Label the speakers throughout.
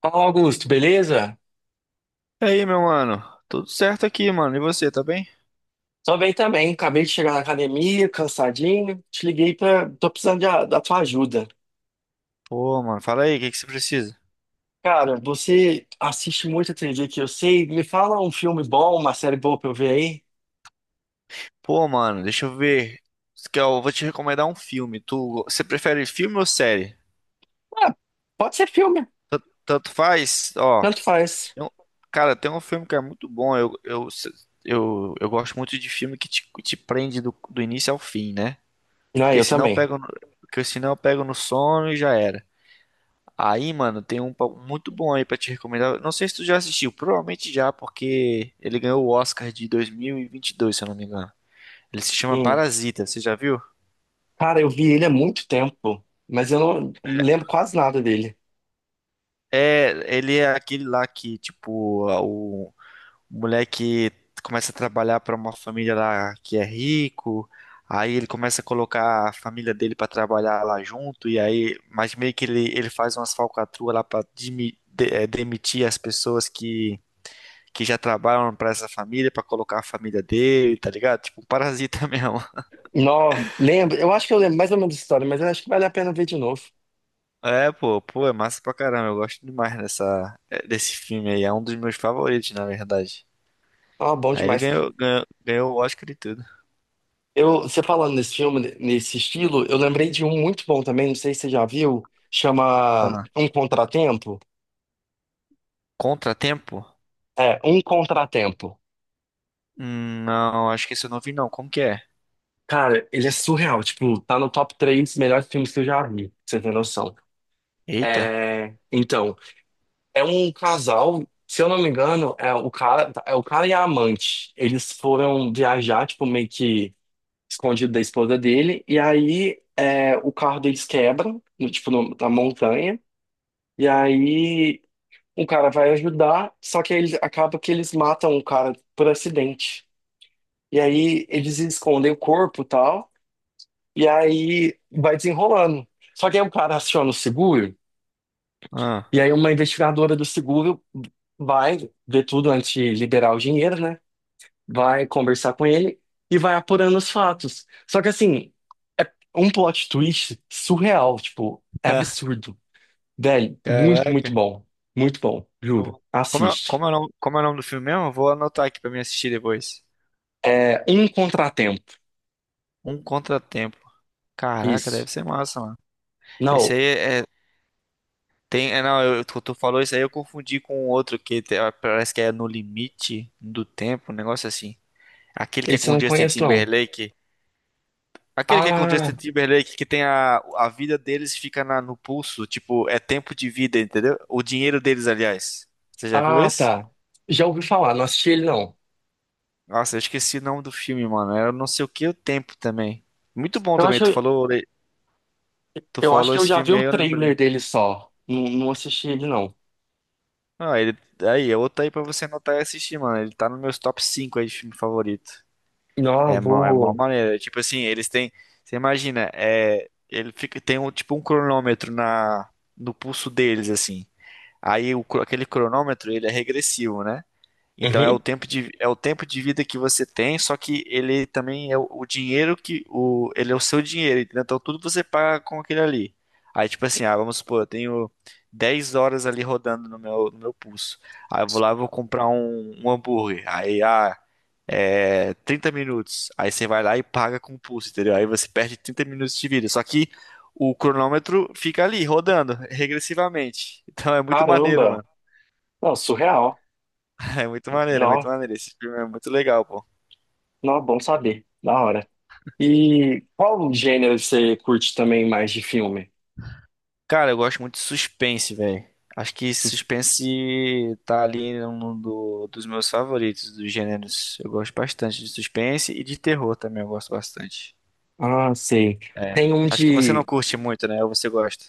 Speaker 1: Fala, Augusto, beleza?
Speaker 2: E aí, meu mano? Tudo certo aqui, mano. E você, tá bem?
Speaker 1: Tô bem também. Acabei de chegar na academia, cansadinho. Te liguei pra. Tô precisando de da tua ajuda.
Speaker 2: Pô, mano, fala aí, o que que você precisa?
Speaker 1: Cara, você assiste muita TV que eu sei. Me fala um filme bom, uma série boa pra eu ver aí.
Speaker 2: Pô, mano, deixa eu ver. Você Eu vou te recomendar um filme. Você prefere filme ou série?
Speaker 1: Ah, pode ser filme.
Speaker 2: Tanto faz, ó.
Speaker 1: Tanto faz.
Speaker 2: tem um- Cara, tem um filme que é muito bom. Eu gosto muito de filme que te prende do início ao fim, né?
Speaker 1: Não,
Speaker 2: Porque
Speaker 1: eu
Speaker 2: senão eu
Speaker 1: também.
Speaker 2: pego, no- porque senão eu pego no sono e já era. Aí, mano, tem um muito bom aí pra te recomendar. Não sei se tu já assistiu, provavelmente já, porque ele ganhou o Oscar de 2022, se eu não me engano. Ele se chama
Speaker 1: Hum.
Speaker 2: Parasita, você já viu?
Speaker 1: Cara, eu vi ele há muito tempo, mas eu não lembro quase nada dele.
Speaker 2: É, ele é aquele lá que, tipo, o moleque começa a trabalhar pra uma família lá que é rico, aí ele começa a colocar a família dele pra trabalhar lá junto, e aí, mas meio que ele faz umas falcatruas lá pra demitir as pessoas que já trabalham pra essa família, pra colocar a família dele, tá ligado? Tipo, um parasita mesmo.
Speaker 1: Não, lembro. Eu acho que eu lembro mais ou menos da história, mas eu acho que vale a pena ver de novo.
Speaker 2: É, pô, é massa pra caramba. Eu gosto demais dessa, é, desse filme aí. É um dos meus favoritos, na verdade.
Speaker 1: Ah, bom
Speaker 2: Aí ele
Speaker 1: demais.
Speaker 2: ganhou o Oscar e tudo.
Speaker 1: Você falando nesse filme, nesse estilo, eu lembrei de um muito bom também, não sei se você já viu, chama
Speaker 2: Ah,
Speaker 1: Um Contratempo.
Speaker 2: Contratempo?
Speaker 1: É, Um Contratempo.
Speaker 2: Não, acho que isso eu não vi, não. Como que é?
Speaker 1: Cara, ele é surreal, tipo, tá no top três melhores filmes que eu já vi, pra você tem noção.
Speaker 2: Eita.
Speaker 1: É, então, é um casal, se eu não me engano, é o cara e a amante. Eles foram viajar, tipo, meio que escondido da esposa dele, e aí é, o carro deles quebra, na montanha. E aí um cara vai ajudar, só que acaba que eles matam o cara por acidente. E aí eles escondem o corpo e tal, e aí vai desenrolando. Só que aí o cara aciona o seguro,
Speaker 2: Ah,
Speaker 1: e aí uma investigadora do seguro vai ver tudo antes de liberar o dinheiro, né? Vai conversar com ele e vai apurando os fatos. Só que assim, é um plot twist surreal, tipo, é absurdo. Velho, muito
Speaker 2: caraca.
Speaker 1: bom. Muito bom, juro.
Speaker 2: Pô,
Speaker 1: Assiste.
Speaker 2: como é o nome do filme mesmo? Eu vou anotar aqui pra mim assistir depois.
Speaker 1: É um contratempo.
Speaker 2: Um Contratempo. Caraca,
Speaker 1: Isso.
Speaker 2: deve ser massa, mano. Esse
Speaker 1: Não,
Speaker 2: aí é Tem, é, não, eu, tu falou isso aí, eu confundi com outro que parece que é No Limite do Tempo, um negócio assim. Aquele que é
Speaker 1: esse
Speaker 2: com
Speaker 1: eu
Speaker 2: o
Speaker 1: não
Speaker 2: Justin
Speaker 1: conheço, não.
Speaker 2: Timberlake. Aquele que é com o Justin
Speaker 1: Ah,
Speaker 2: Timberlake, que tem a vida deles fica no pulso, tipo, é tempo de vida, entendeu? O dinheiro deles, aliás. Você já viu
Speaker 1: ah,
Speaker 2: esse?
Speaker 1: tá. Já ouvi falar, não assisti ele, não.
Speaker 2: Nossa, eu esqueci o nome do filme, mano. Era não sei o que o tempo também. Muito bom
Speaker 1: Eu
Speaker 2: também,
Speaker 1: acho,
Speaker 2: tu
Speaker 1: eu acho
Speaker 2: falou
Speaker 1: que eu
Speaker 2: esse
Speaker 1: já vi
Speaker 2: filme
Speaker 1: o
Speaker 2: aí, eu
Speaker 1: trailer
Speaker 2: lembrei.
Speaker 1: dele só. Não, não assisti ele, não.
Speaker 2: Ah, ele, aí, é outro aí pra você anotar e assistir, mano. Ele tá nos meus top 5 aí de filme favorito.
Speaker 1: Não, eu
Speaker 2: É mó
Speaker 1: vou.
Speaker 2: maneiro. É tipo assim, eles têm. Você imagina, é, ele fica, tem um, tipo um cronômetro no pulso deles, assim. Aí aquele cronômetro, ele é regressivo, né? Então é o
Speaker 1: Uhum.
Speaker 2: é o tempo de vida que você tem, só que ele também é o dinheiro ele é o seu dinheiro, entendeu? Então tudo você paga com aquele ali. Aí tipo assim, ah, vamos supor, eu tenho 10 horas ali rodando no meu pulso. Aí eu vou lá, e vou comprar um hambúrguer. Aí ah, é 30 minutos. Aí você vai lá e paga com o pulso, entendeu? Aí você perde 30 minutos de vida. Só que o cronômetro fica ali rodando regressivamente. Então é muito maneiro.
Speaker 1: Caramba! Não, surreal.
Speaker 2: É muito maneiro, é muito
Speaker 1: Não,
Speaker 2: maneiro. Esse filme é muito legal, pô.
Speaker 1: não, bom saber. Da hora. E qual gênero você curte também mais de filme?
Speaker 2: Cara, eu gosto muito de suspense, velho. Acho que
Speaker 1: Sus-
Speaker 2: suspense tá ali num dos meus favoritos, dos gêneros. Eu gosto bastante de suspense e de terror também, eu gosto bastante.
Speaker 1: Ah, sei. Tem um
Speaker 2: Acho que você não
Speaker 1: de.
Speaker 2: curte muito, né? Ou você gosta?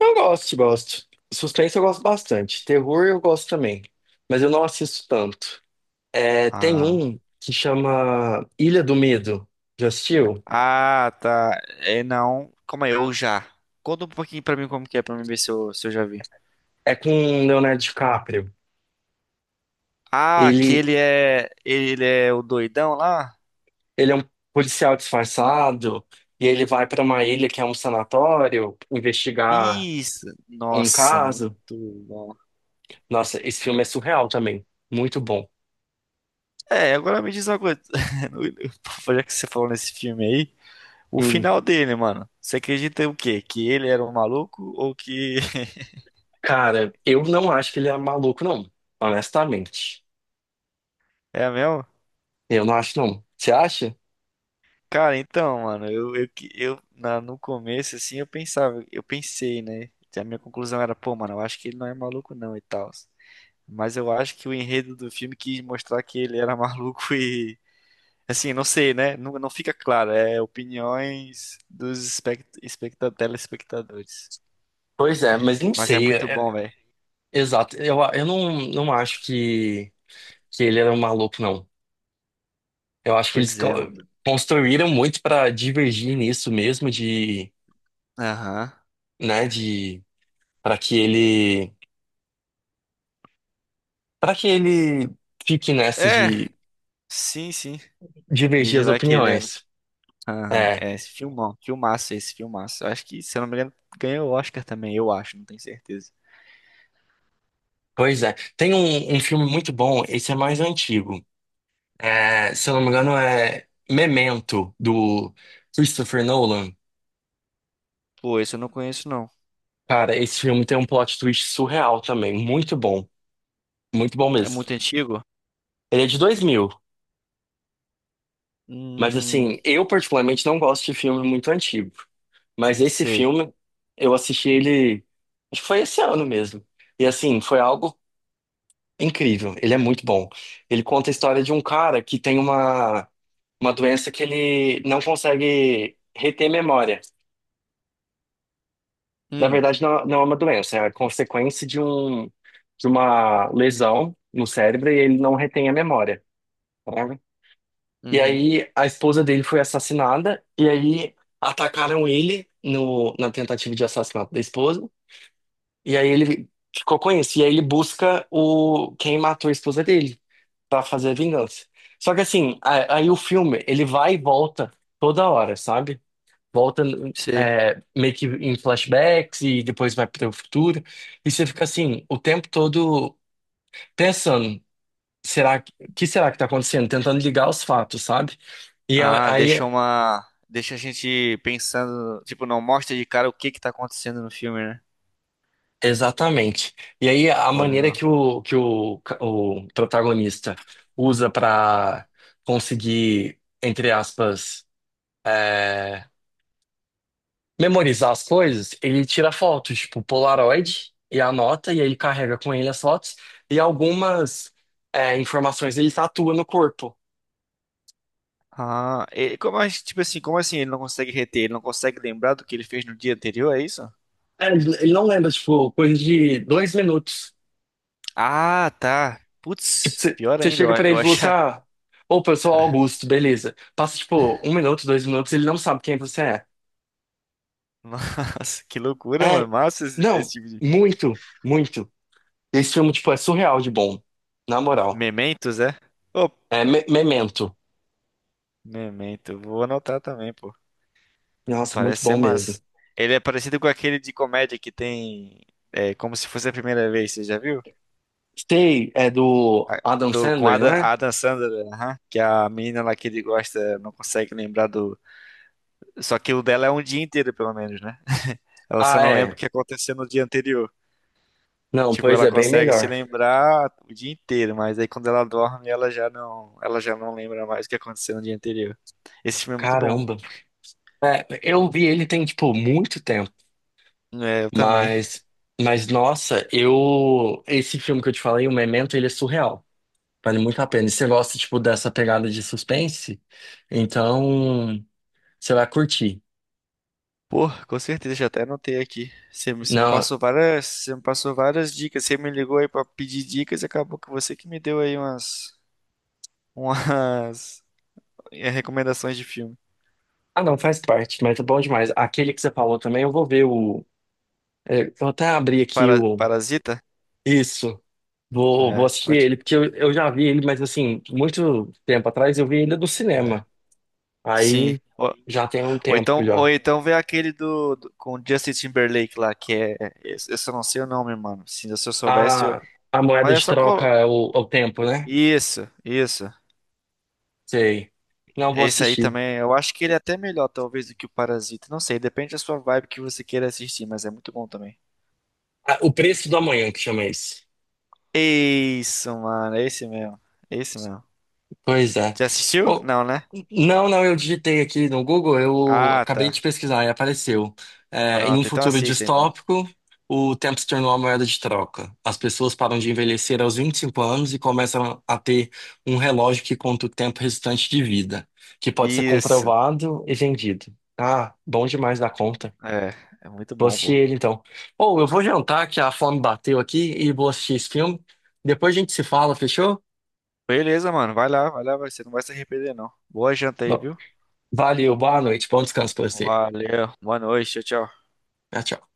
Speaker 1: Gosto. Suspense eu gosto bastante. Terror eu gosto também. Mas eu não assisto tanto. É, tem
Speaker 2: Ah.
Speaker 1: um que chama Ilha do Medo. Já assistiu?
Speaker 2: Ah, tá. É, não. Como é? Eu já. Conta um pouquinho pra mim como que é, pra mim ver se eu já vi.
Speaker 1: É com o Leonardo DiCaprio.
Speaker 2: Ah,
Speaker 1: Ele,
Speaker 2: aquele é. Ele é o doidão lá?
Speaker 1: ele é um policial disfarçado e ele vai para uma ilha que é um sanatório investigar
Speaker 2: Isso.
Speaker 1: um
Speaker 2: Nossa, muito
Speaker 1: caso.
Speaker 2: bom.
Speaker 1: Nossa, esse filme é surreal também. Muito bom.
Speaker 2: É, agora me diz uma coisa. Já que você falou nesse filme aí, o
Speaker 1: Hum,
Speaker 2: final dele, mano. Você acredita em o quê? Que ele era um maluco ou que
Speaker 1: cara, eu não acho que ele é maluco, não. Honestamente.
Speaker 2: é mesmo?
Speaker 1: Eu não acho, não. Você acha?
Speaker 2: Cara, então, mano, eu, que- eu na, no começo, assim, eu pensei, né? A minha conclusão era, pô, mano, eu acho que ele não é maluco, não, e tal. Mas eu acho que o enredo do filme quis mostrar que ele era maluco e. Assim, não sei, né? Não, não fica claro. É opiniões dos telespectadores.
Speaker 1: Pois é, mas não
Speaker 2: Mas é
Speaker 1: sei.
Speaker 2: muito bom, velho.
Speaker 1: Exato. Eu não acho que ele era um maluco, não. Eu acho que eles
Speaker 2: Pois é, mano.
Speaker 1: construíram muito para divergir nisso mesmo de,
Speaker 2: Aham.
Speaker 1: né, de para que ele para que ele fique nessa
Speaker 2: É,
Speaker 1: de
Speaker 2: sim, sim.
Speaker 1: divergir
Speaker 2: Vídeo
Speaker 1: as
Speaker 2: lá que ele era.
Speaker 1: opiniões.
Speaker 2: Aham.
Speaker 1: É,
Speaker 2: É, esse filmão. Filmaço. Eu acho que, se eu não me engano, ganhou o Oscar também, eu acho, não tenho certeza.
Speaker 1: pois é. Tem um filme muito bom, esse é mais antigo. É, se eu não me engano é Memento do Christopher Nolan.
Speaker 2: Pô, esse eu não conheço, não.
Speaker 1: Cara, esse filme tem um plot twist surreal também, muito bom
Speaker 2: É
Speaker 1: mesmo.
Speaker 2: muito antigo?
Speaker 1: Ele é de 2000, mas
Speaker 2: Hum,
Speaker 1: assim, eu particularmente não gosto de filme muito antigo. Mas esse
Speaker 2: sei.
Speaker 1: filme, eu assisti ele, acho que foi esse ano mesmo. E assim, foi algo incrível. Ele é muito bom. Ele conta a história de um cara que tem uma doença que ele não consegue reter memória. Na
Speaker 2: Hum,
Speaker 1: verdade, não, não é uma doença, é a consequência de de uma lesão no cérebro e ele não retém a memória, né? E
Speaker 2: uhum,
Speaker 1: aí, a esposa dele foi assassinada, e aí atacaram ele no, na tentativa de assassinato da esposa. E aí ele ficou com isso. E aí ele busca o quem matou a esposa dele pra fazer a vingança. Só que assim, aí o filme, ele vai e volta toda hora, sabe? Volta
Speaker 2: sei.
Speaker 1: é, meio que em flashbacks e depois vai pro futuro. E você fica assim, o tempo todo pensando, será que será que tá acontecendo? Tentando ligar os fatos, sabe? E
Speaker 2: Ah,
Speaker 1: aí
Speaker 2: deixa uma. Deixa a gente pensando. Tipo, não mostra de cara o que que tá acontecendo no filme, né?
Speaker 1: exatamente. E aí a
Speaker 2: Pô,
Speaker 1: maneira
Speaker 2: legal.
Speaker 1: que o protagonista usa para conseguir, entre aspas, é, memorizar as coisas, ele tira fotos, tipo Polaroid, e anota, e aí carrega com ele as fotos, e algumas informações ele tatua no corpo.
Speaker 2: Ah, e tipo assim, como assim ele não consegue reter? Ele não consegue lembrar do que ele fez no dia anterior, é isso?
Speaker 1: É, ele não lembra, tipo, coisa de dois minutos.
Speaker 2: Ah, tá.
Speaker 1: Tipo,
Speaker 2: Putz, pior
Speaker 1: você
Speaker 2: ainda,
Speaker 1: chega pra
Speaker 2: eu
Speaker 1: ele e fala assim,
Speaker 2: achar.
Speaker 1: ah, opa, eu sou o Augusto, beleza. Passa, tipo, um minuto, dois minutos, ele não sabe quem você é.
Speaker 2: Nossa, que loucura, mano.
Speaker 1: É,
Speaker 2: Massa esse, esse
Speaker 1: não,
Speaker 2: tipo de.
Speaker 1: muito. Esse filme, tipo, é surreal de bom, na moral.
Speaker 2: Mementos, é? Ô,
Speaker 1: É Memento.
Speaker 2: Memento, eu vou anotar também, pô.
Speaker 1: Nossa, muito
Speaker 2: Parece
Speaker 1: bom
Speaker 2: ser
Speaker 1: mesmo.
Speaker 2: massa. Ele é parecido com aquele de comédia que tem. É, como se fosse a primeira vez, você já viu?
Speaker 1: Stay é do
Speaker 2: A-
Speaker 1: Adam
Speaker 2: do, com
Speaker 1: Sandler, não é?
Speaker 2: Adam Sandler, aham, que é a menina lá que ele gosta não consegue lembrar do. Só que o dela é um dia inteiro, pelo menos, né? Ela só
Speaker 1: Ah,
Speaker 2: não lembra o
Speaker 1: é.
Speaker 2: que aconteceu no dia anterior.
Speaker 1: Não,
Speaker 2: Tipo,
Speaker 1: pois
Speaker 2: ela
Speaker 1: é, bem
Speaker 2: consegue se
Speaker 1: melhor.
Speaker 2: lembrar o dia inteiro, mas aí quando ela dorme, ela já não lembra mais o que aconteceu no dia anterior. Esse filme é muito bom.
Speaker 1: Caramba. É, eu vi ele tem, tipo, muito tempo,
Speaker 2: É, eu também.
Speaker 1: mas, mas nossa, eu, esse filme que eu te falei, o Memento, ele é surreal. Vale muito a pena. E você gosta, tipo, dessa pegada de suspense? Então, você vai curtir.
Speaker 2: Pô, com certeza, já até anotei aqui. Você me
Speaker 1: Não,
Speaker 2: passou várias, você me passou várias dicas. Você me ligou aí pra pedir dicas e acabou que você que me deu aí umas recomendações de filme.
Speaker 1: ah, não, faz parte, mas é bom demais. Aquele que você falou também, eu vou ver o. É, vou até abrir aqui o.
Speaker 2: Parasita?
Speaker 1: Isso. Vou
Speaker 2: É,
Speaker 1: assistir
Speaker 2: pode.
Speaker 1: ele, porque eu já vi ele, mas assim, muito tempo atrás eu vi ele no
Speaker 2: É.
Speaker 1: cinema.
Speaker 2: Sim.
Speaker 1: Aí
Speaker 2: Ó,
Speaker 1: já tem um tempo já.
Speaker 2: Ou então vê aquele com o Justin Timberlake lá, que é. Esse, eu só não sei o nome, mano. Se eu soubesse, eu.
Speaker 1: A, a moeda
Speaker 2: Mas é
Speaker 1: de
Speaker 2: só
Speaker 1: troca
Speaker 2: colo...
Speaker 1: é é o tempo, né?
Speaker 2: Isso, isso.
Speaker 1: Sei. Não vou
Speaker 2: Esse aí
Speaker 1: assistir.
Speaker 2: também, eu acho que ele é até melhor, talvez, do que o Parasita. Não sei, depende da sua vibe que você queira assistir, mas é muito bom também.
Speaker 1: Ah, o preço do amanhã que chama esse.
Speaker 2: Isso, mano, é esse mesmo. É esse mesmo.
Speaker 1: Pois é.
Speaker 2: Já assistiu?
Speaker 1: Ô,
Speaker 2: Não, né?
Speaker 1: não, não, eu digitei aqui no Google, eu
Speaker 2: Ah,
Speaker 1: acabei de
Speaker 2: tá.
Speaker 1: pesquisar e apareceu. É, em um
Speaker 2: Pronto, então
Speaker 1: futuro
Speaker 2: assista então.
Speaker 1: distópico, o tempo se tornou uma moeda de troca. As pessoas param de envelhecer aos 25 anos e começam a ter um relógio que conta o tempo restante de vida, que pode ser
Speaker 2: Isso.
Speaker 1: comprovado e vendido. Ah, bom demais da conta.
Speaker 2: É, é muito
Speaker 1: Vou
Speaker 2: bom,
Speaker 1: assistir
Speaker 2: pô.
Speaker 1: ele então. Ou eu vou jantar, que a fome bateu aqui, e vou assistir esse filme. Depois a gente se fala, fechou?
Speaker 2: Beleza, mano. Vai lá, vai. Você não vai se arrepender, não. Boa janta aí,
Speaker 1: Bom,
Speaker 2: viu?
Speaker 1: valeu, boa noite, bom descanso pra você.
Speaker 2: Valeu, boa noite, tchau, tchau.
Speaker 1: Tchau, tchau.